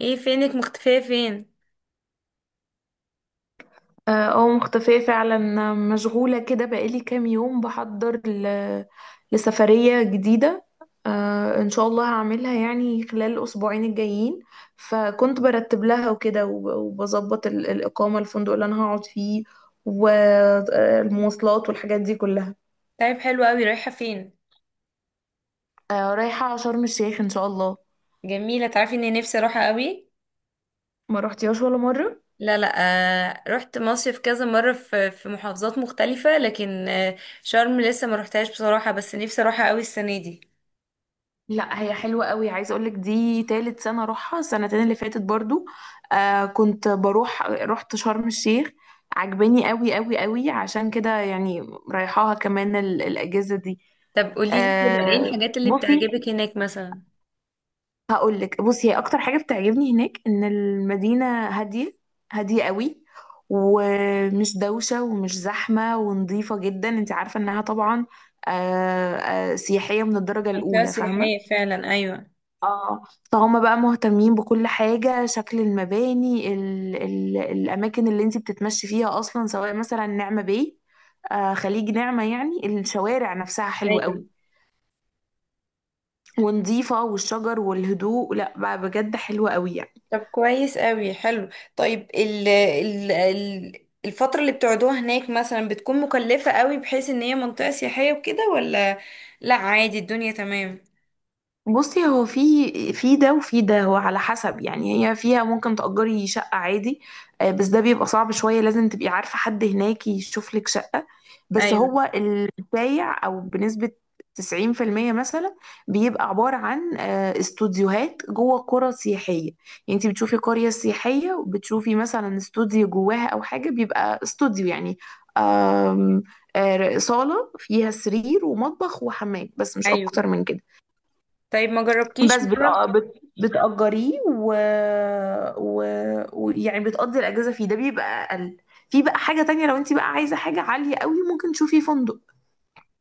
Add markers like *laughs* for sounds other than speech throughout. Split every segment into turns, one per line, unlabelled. ايه فينك مختفية فين؟
اه آه، مختفية فعلا. مشغولة كده بقالي كام يوم بحضر لسفرية جديدة. ان شاء الله هعملها يعني خلال الأسبوعين الجايين. فكنت برتب لها وكده وبظبط الإقامة، الفندق اللي أنا هقعد فيه والمواصلات والحاجات دي كلها.
طيب حلو قوي، رايحة فين؟
رايحة شرم الشيخ إن شاء الله.
جميلة، تعرفي اني نفسي اروحها قوي.
ما رحتيهاش ولا مرة؟
لا لا. آه، رحت مصيف كذا مرة في محافظات مختلفة، لكن شرم لسه ما روحتهاش بصراحة، بس نفسي اروحها قوي السنة دي.
لا، هي حلوة قوي، عايزة اقولك دي تالت سنة اروحها، السنتين اللي فاتت برضو كنت بروح رحت شرم الشيخ. عجباني قوي قوي قوي، عشان كده يعني رايحاها كمان الاجازة دي.
طب قوليلي كده ايه
آه
الحاجات اللي
بصي،
بتعجبك هناك مثلا؟
هقولك، بصي هي اكتر حاجة بتعجبني هناك ان المدينة هادية، هادية قوي، ومش دوشة ومش زحمة ونظيفة جدا، انت عارفة انها طبعا سياحية من الدرجة
منطقة
الاولى، فاهمة.
سياحية فعلا، ايوه.
اه فهم بقى مهتمين بكل حاجة، شكل المباني، ال ال الأماكن اللي انت بتتمشي فيها أصلا، سواء مثلا نعمة باي، خليج نعمة. يعني الشوارع نفسها حلوة
ايوه.
قوي، ونظيفة، والشجر والهدوء، لا بقى بجد حلوة قوي يعني.
طب كويس قوي، حلو. طيب، ال ال ال الفترة اللي بتقعدوها هناك مثلا بتكون مكلفة قوي بحيث ان هي منطقة سياحية وكده، ولا؟ لا، عادي، الدنيا تمام.
بصي، هو في ده وفي ده، هو على حسب يعني. هي فيها ممكن تأجري شقة عادي، بس ده بيبقى صعب شوية، لازم تبقي عارفة حد هناك يشوف لك شقة. بس
ايوه،
هو البايع أو بنسبة 90% مثلا بيبقى عبارة عن استوديوهات جوه قرى سياحية. يعني انت بتشوفي قرية سياحية وبتشوفي مثلا استوديو جواها أو حاجة، بيبقى استوديو يعني، آم، آه، صالة فيها سرير ومطبخ وحمام، بس مش أكتر
ايوه.
من كده.
طيب، ما جربتيش
بس بت...
مرة؟
آه، بت... بتأجريه و... و يعني بتقضي الأجازة فيه. ده بيبقى أقل. في بقى حاجة تانية، لو انت بقى عايزة حاجة عالية قوي ممكن تشوفي فندق.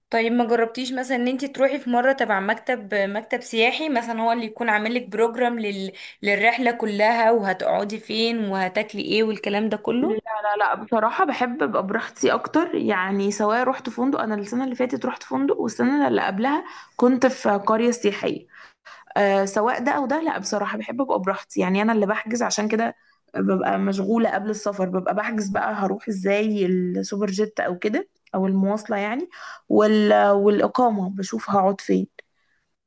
طيب، ما جربتيش مثلا ان انت تروحي في مرة تبع مكتب سياحي مثلا، هو اللي يكون عامل لك بروجرام للرحلة كلها، وهتقعدي فين وهتاكلي ايه والكلام ده
لا
كله؟
لا لا، بصراحة بحب ابقى براحتي اكتر، يعني سواء رحت فندق، انا السنة اللي فاتت رحت فندق، والسنة اللي قبلها كنت في قرية سياحية. سواء ده او ده، لا بصراحه بحب ابقى براحتي، يعني انا اللي بحجز عشان كده ببقى مشغوله قبل السفر، ببقى بحجز بقى هروح ازاي، السوبر جيت او كده، او المواصله يعني، والاقامه بشوف هقعد فين.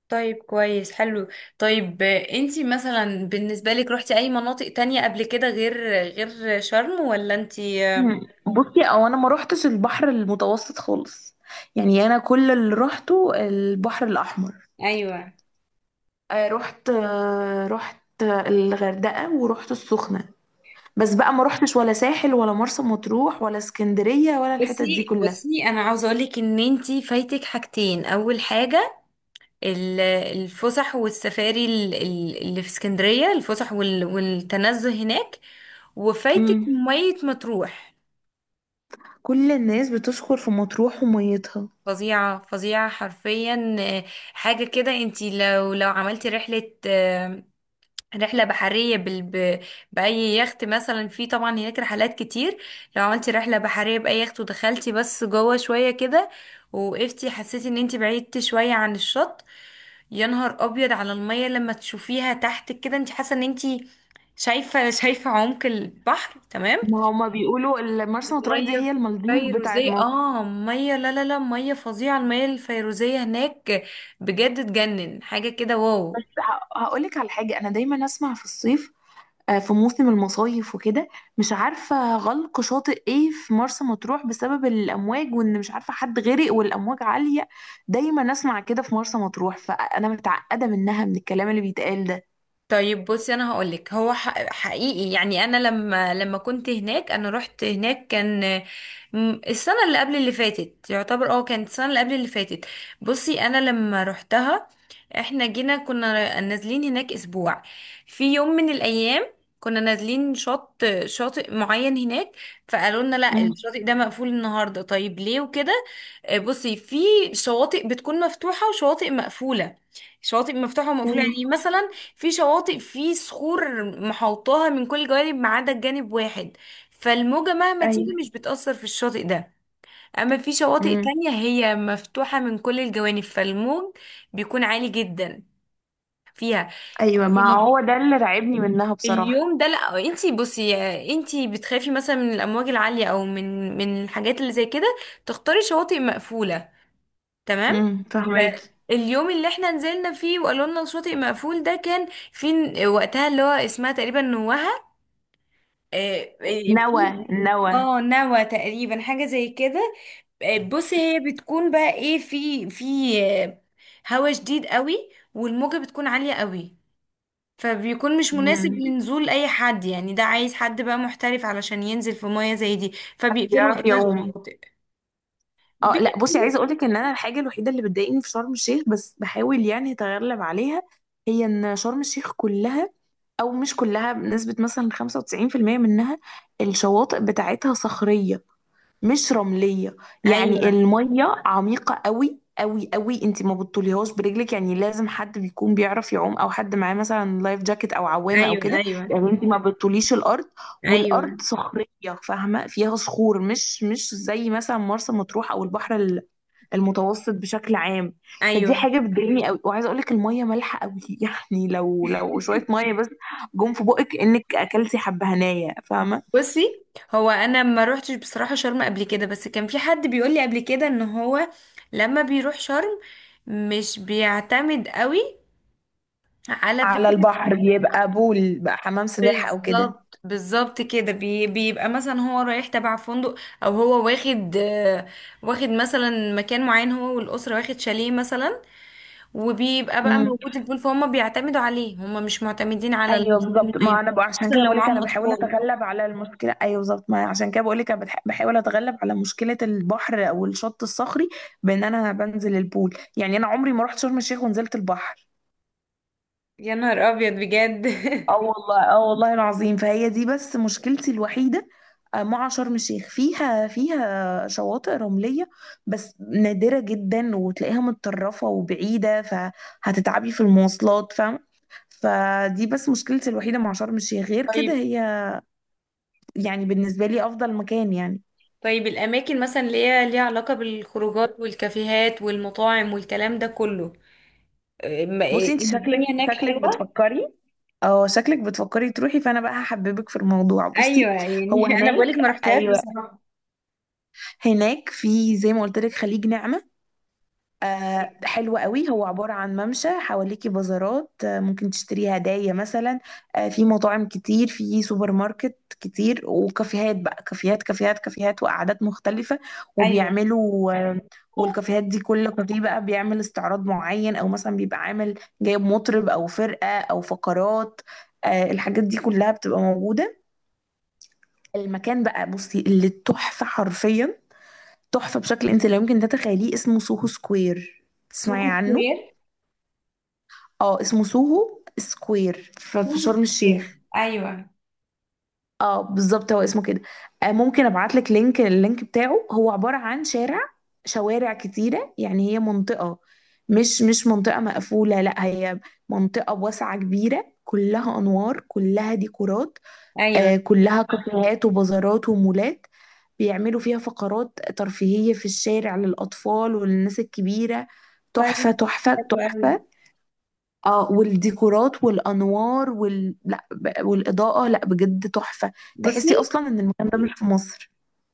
طيب، كويس، حلو. طيب، انتي مثلا بالنسبة لك روحتي اي مناطق تانية قبل كده غير غير شرم، ولا انتي
مم. بصي، او انا ما روحتش البحر المتوسط خالص، يعني انا كل اللي روحته البحر الاحمر.
ايوه؟
رحت الغردقه، ورحت السخنه، بس بقى ما روحتش ولا ساحل ولا مرسى مطروح ولا اسكندريه ولا الحتت دي
بصي
كلها.
بصي، انا عاوزه اقول لك ان انتي فايتك حاجتين. اول حاجه، الفسح والسفاري اللي في اسكندريه، الفسح والتنزه هناك. وفايتك
مم.
ميه مطروح.
كل الناس بتشكر في مطروح وميتها.
فظيعه فظيعه حرفيا، حاجه كده. انتي لو عملتي رحلة بحرية بأي يخت مثلا، في طبعا هناك رحلات كتير. لو عملتي رحلة بحرية بأي يخت ودخلتي بس جوه شوية كده ووقفتي، حسيتي ان انتي بعيدتي شوية عن الشط. يا نهار أبيض على المية لما تشوفيها تحت كده، انتي حاسة ان انتي شايفة، شايفة عمق البحر، تمام.
ما هما بيقولوا مرسى مطروح دي
ميه
هي المالديف بتاعت
فيروزيه،
مصر.
مية، لا لا لا، مية فظيعة، المية الفيروزية هناك بجد تجنن، حاجة كده، واو.
هقولك على حاجة، أنا دايما أسمع في الصيف، في موسم المصايف وكده، مش عارفة غلق شاطئ ايه في مرسى مطروح بسبب الأمواج، وإن مش عارفة حد غرق والأمواج عالية. دايما أسمع كده في مرسى مطروح، فأنا متعقدة منها من الكلام اللي بيتقال ده.
طيب، بصي، انا هقولك هو حقيقي يعني، انا لما كنت هناك، انا رحت هناك كان السنه اللي قبل اللي فاتت، يعتبر كانت السنه اللي قبل اللي فاتت. بصي انا لما رحتها، احنا جينا كنا نازلين هناك اسبوع. في يوم من الايام، كنا نازلين شاطئ معين هناك، فقالوا لنا لا
مم.
الشاطئ ده مقفول النهارده. طيب ليه وكده؟ بصي، في شواطئ بتكون مفتوحه وشواطئ مقفوله، شواطئ مفتوحه ومقفوله
مم.
يعني مثلا، في شواطئ في صخور محوطاها من كل جوانب ما عدا جانب واحد، فالموجة مهما تيجي
ايوه.
مش بتأثر في الشاطئ ده. أما في شواطئ
مم.
تانية هي مفتوحة من كل الجوانب، فالموج بيكون عالي جدا فيها.
أيوة،
في
ما هو ده اللي رعبني منها بصراحة.
اليوم ده، لا انتي بصي، انتي بتخافي مثلا من الأمواج العالية أو من الحاجات اللي زي كده، تختاري شواطئ مقفولة، تمام.
مم. فهماكي.
اليوم اللي احنا نزلنا فيه وقالوا لنا الشاطئ مقفول ده، كان في وقتها اللي هو اسمها تقريبا نوهة. في
نوى، نوى.
اه نوى تقريبا، حاجة زي كده. بصي، هي بتكون بقى ايه، في آه، هوا شديد قوي والموجة بتكون عالية قوي. فبيكون مش مناسب
مم.
لنزول اي حد يعني، ده عايز حد بقى محترف علشان ينزل في مية زي دي. فبيقفلوا
بيعرف
وقتها
يعوم.
الشواطئ،
اه لا، بصي
بيقفلوا.
عايزه اقول لك ان انا الحاجه الوحيده اللي بتضايقني في شرم الشيخ، بس بحاول يعني اتغلب عليها، هي ان شرم الشيخ كلها، او مش كلها، بنسبه مثلا 95% منها، الشواطئ بتاعتها صخريه، مش رملية. يعني
ايوه،
المية عميقة قوي قوي قوي، انت ما بتطوليهاش برجلك، يعني لازم حد بيكون بيعرف يعوم، او حد معاه مثلا لايف جاكيت او عوامة او
ايوه،
كده.
ايوه،
يعني انت ما بتطوليش الارض،
ايوه،
والارض صخرية، فاهمة، فيها صخور، مش زي مثلا مرسى مطروح او البحر المتوسط بشكل عام. فدي
ايوه.
حاجة بتضايقني قوي. وعايزة اقولك المية مالحة قوي *laughs* يعني لو شوية مية بس جم في بقك، انك اكلتي حبهانية، فاهمة.
بصي، هو انا ما روحتش بصراحه شرم قبل كده، بس كان في حد بيقول لي قبل كده ان هو لما بيروح شرم مش بيعتمد قوي، على
على
فكره.
البحر، يبقى بول بقى، حمام سباحة أو كده.
بالظبط بالظبط كده، بيبقى مثلا هو رايح تبع فندق، او هو واخد واخد مثلا مكان معين، هو والاسره واخد شاليه مثلا، وبيبقى بقى
امم.
موجود البول، فهم بيعتمدوا عليه، هم مش معتمدين على
ايوه بالظبط،
المصريين.
ما انا بقى عشان
خصوصا
كده
لو
بقول لك انا
معاهم
بحاول
اطفال.
اتغلب على المشكله، ايوه بالظبط، ما عشان كده بقول لك انا بحاول اتغلب على مشكله البحر او الشط الصخري بان انا بنزل البول، يعني انا عمري ما رحت شرم الشيخ ونزلت البحر.
يا نهار ابيض بجد!
اه
*laughs*
والله، اه والله العظيم، فهي دي بس مشكلتي الوحيدة، مع شرم الشيخ. فيها شواطئ رملية، بس نادرة جدا وتلاقيها متطرفة وبعيدة، فهتتعبي في المواصلات، فاهمة. فدي بس مشكلتي الوحيدة مع شرم الشيخ، غير كده
طيب.
هي يعني بالنسبة لي أفضل مكان يعني.
طيب الأماكن مثلا اللي هي ليها علاقة بالخروجات والكافيهات والمطاعم والكلام ده كله؟ أه، ما-
بصي،
إيه،
انت
الدنيا
شكلك
هناك
شكلك
حلوة.
بتفكري، اه شكلك بتفكري تروحي، فانا بقى هحببك في الموضوع.
أيوة
بصي،
يعني،
هو
*laughs* أنا
هناك،
بقولك ما رحتهاش
ايوه،
بصراحة.
هناك في زي ما قلت لك خليج نعمة، حلو قوي، هو عبارة عن ممشى، حواليكي بازارات، ممكن تشتري هدايا مثلا، في مطاعم كتير، في سوبر ماركت كتير، وكافيهات بقى، كافيهات كافيهات كافيهات، وقعدات مختلفة.
أيوة.
وبيعملوا والكافيهات دي، كل كافيه بقى بيعمل استعراض معين، او مثلا بيبقى عامل، جايب مطرب او فرقة او فقرات، الحاجات دي كلها بتبقى موجودة. المكان بقى، بصي، اللي تحفة حرفيا، تحفة بشكل انت لا يمكن تتخيليه، اسمه سوهو سكوير،
سوق
تسمعي عنه؟
سكوير.
اه، اسمه سوهو سكوير في
سوق
شرم
سكوير،
الشيخ.
أيوة.
اه بالظبط، هو اسمه كده. ممكن ابعت لك لينك اللينك بتاعه. هو عبارة عن شوارع كتيرة، يعني هي منطقة، مش منطقة مقفولة، لا، هي منطقة واسعة كبيرة، كلها أنوار، كلها ديكورات،
أيوة،
كلها كافيهات وبازارات ومولات، بيعملوا فيها فقرات ترفيهية في الشارع، للأطفال وللناس الكبيرة، تحفة
طيب،
تحفة
حلو أوي.
تحفة. اه، والديكورات والانوار لا والاضاءه، لا بجد تحفه، تحسي
بصي،
اصلا ان المكان ده مش في مصر.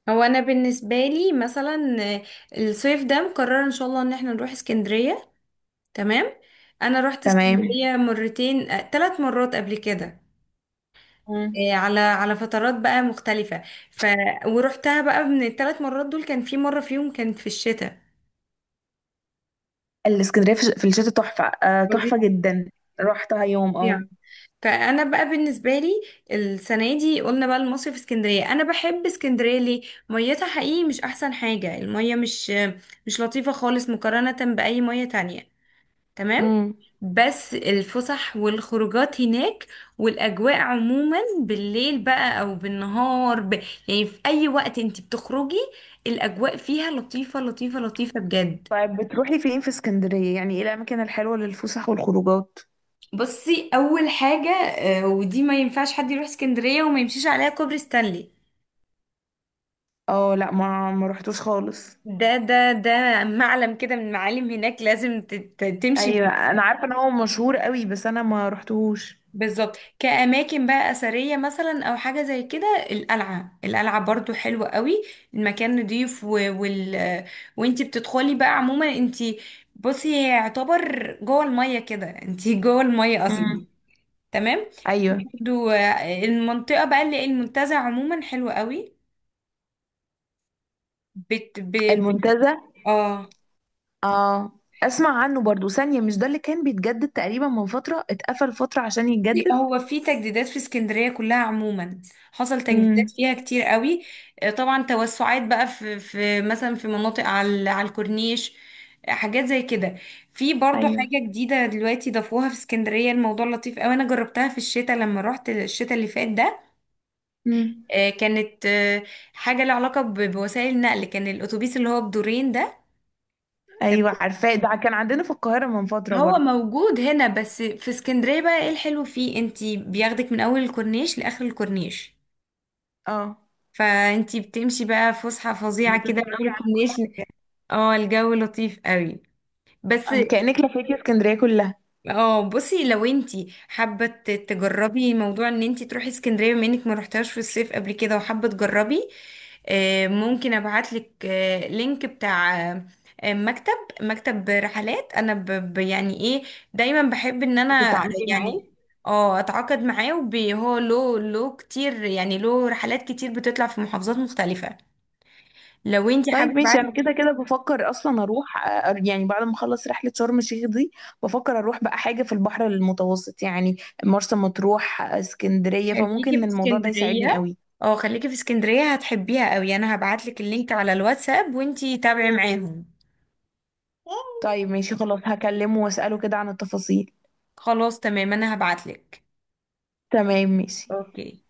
هو أنا بالنسبة لي مثلا الصيف ده مقررة إن شاء الله إن احنا نروح اسكندرية، تمام. أنا رحت
تمام.
اسكندرية مرتين، ثلاث مرات قبل كده.
مم.
إيه، على فترات بقى مختلفة. ف ورحتها بقى من الثلاث مرات دول، كان في مرة فيهم كانت في الشتاء.
الاسكندريه في الشتاء تحفه، تحفه
فظيع!
جدا، رحتها يوم
فظيع! فانا بقى بالنسبه لي السنه دي قلنا بقى المصيف في اسكندريه. انا بحب اسكندريه ليه؟ ميتها حقيقي مش احسن حاجه، الميه مش لطيفه خالص مقارنه باي ميه تانية، تمام.
مم.
بس الفسح والخروجات هناك، والأجواء عموما بالليل بقى أو بالنهار، يعني في أي وقت انت بتخرجي، الأجواء فيها لطيفة لطيفة لطيفة بجد.
طيب، بتروحي فين في اسكندريه؟ يعني ايه الاماكن الحلوه للفسح والخروجات؟
بصي، أول حاجة ودي ما ينفعش حد يروح اسكندرية وما يمشيش عليها كوبري ستانلي.
اه لا، ما رحتوش خالص.
ده معلم كده من معالم هناك، لازم تمشي.
ايوه، انا عارفه ان هو مشهور قوي، بس انا ما رحتوش.
بالظبط، كأماكن بقى أثرية مثلا أو حاجة زي كده، القلعة، القلعة برضو حلوة قوي، المكان نضيف، وال... وانتي بتدخلي بقى عموما، انتي بصي هي يعتبر جوه المية كده، انتي *laughs* جوه المية أصلا،
مم.
تمام.
ايوه،
برضو المنطقة بقى اللي المنتزه عموما حلوة قوي، بت... ب...
المنتزه.
اه.
اه. اسمع عنه برضو ثانية، مش ده اللي كان بيتجدد تقريبا من فترة، اتقفل فترة عشان يتجدد؟
هو في تجديدات في اسكندرية كلها عموما، حصل تجديدات
امم.
فيها كتير قوي. طبعا توسعات بقى في مثلا في مناطق على الكورنيش، حاجات زي كده. في برضو
ايوه.
حاجة جديدة دلوقتي ضافوها في اسكندرية، الموضوع لطيف قوي، انا جربتها في الشتاء لما رحت الشتاء اللي فات ده.
امم.
كانت حاجة لها علاقة بوسائل النقل، كان الأتوبيس اللي هو بدورين ده،
ايوه
تمام.
عارفاه، ده كان عندنا في القاهرة من فترة
هو
برضو.
موجود هنا، بس في اسكندرية بقى ايه الحلو فيه؟ انتي بياخدك من أول الكورنيش لآخر الكورنيش،
اه.
فانتي بتمشي بقى فسحة فظيعة كده من
بتتفرجي
اول
على،
كومبينيشن. اه، الجو لطيف قوي، بس.
كأنك لفيتي اسكندرية كلها.
اه، بصي، لو انتي حابة تجربي موضوع ان انتي تروحي اسكندرية بما انك ما رحتهاش في الصيف قبل كده وحابة تجربي، ممكن ابعتلك لينك بتاع مكتب، مكتب رحلات. انا يعني ايه، دايما بحب ان انا
بتتعاملي معاه؟
يعني اه اتعاقد معاه، وهو له كتير يعني، له رحلات كتير بتطلع في محافظات مختلفة. لو انت
طيب
حابه ابعت.
ماشي، انا كده كده بفكر اصلا اروح، يعني بعد ما اخلص رحلة شرم الشيخ دي، بفكر اروح بقى حاجة في البحر المتوسط يعني، مرسى مطروح، اسكندرية،
خليكي
فممكن
في
الموضوع ده يساعدني
اسكندريه.
قوي.
اه، خليكي في اسكندريه، هتحبيها قوي. انا هبعت لك اللينك على الواتساب، وانت تابعي معاهم.
طيب ماشي، خلاص هكلمه واسأله كده عن التفاصيل.
خلاص، تمام، انا هبعت لك.
تمام ماشي.
اوكي.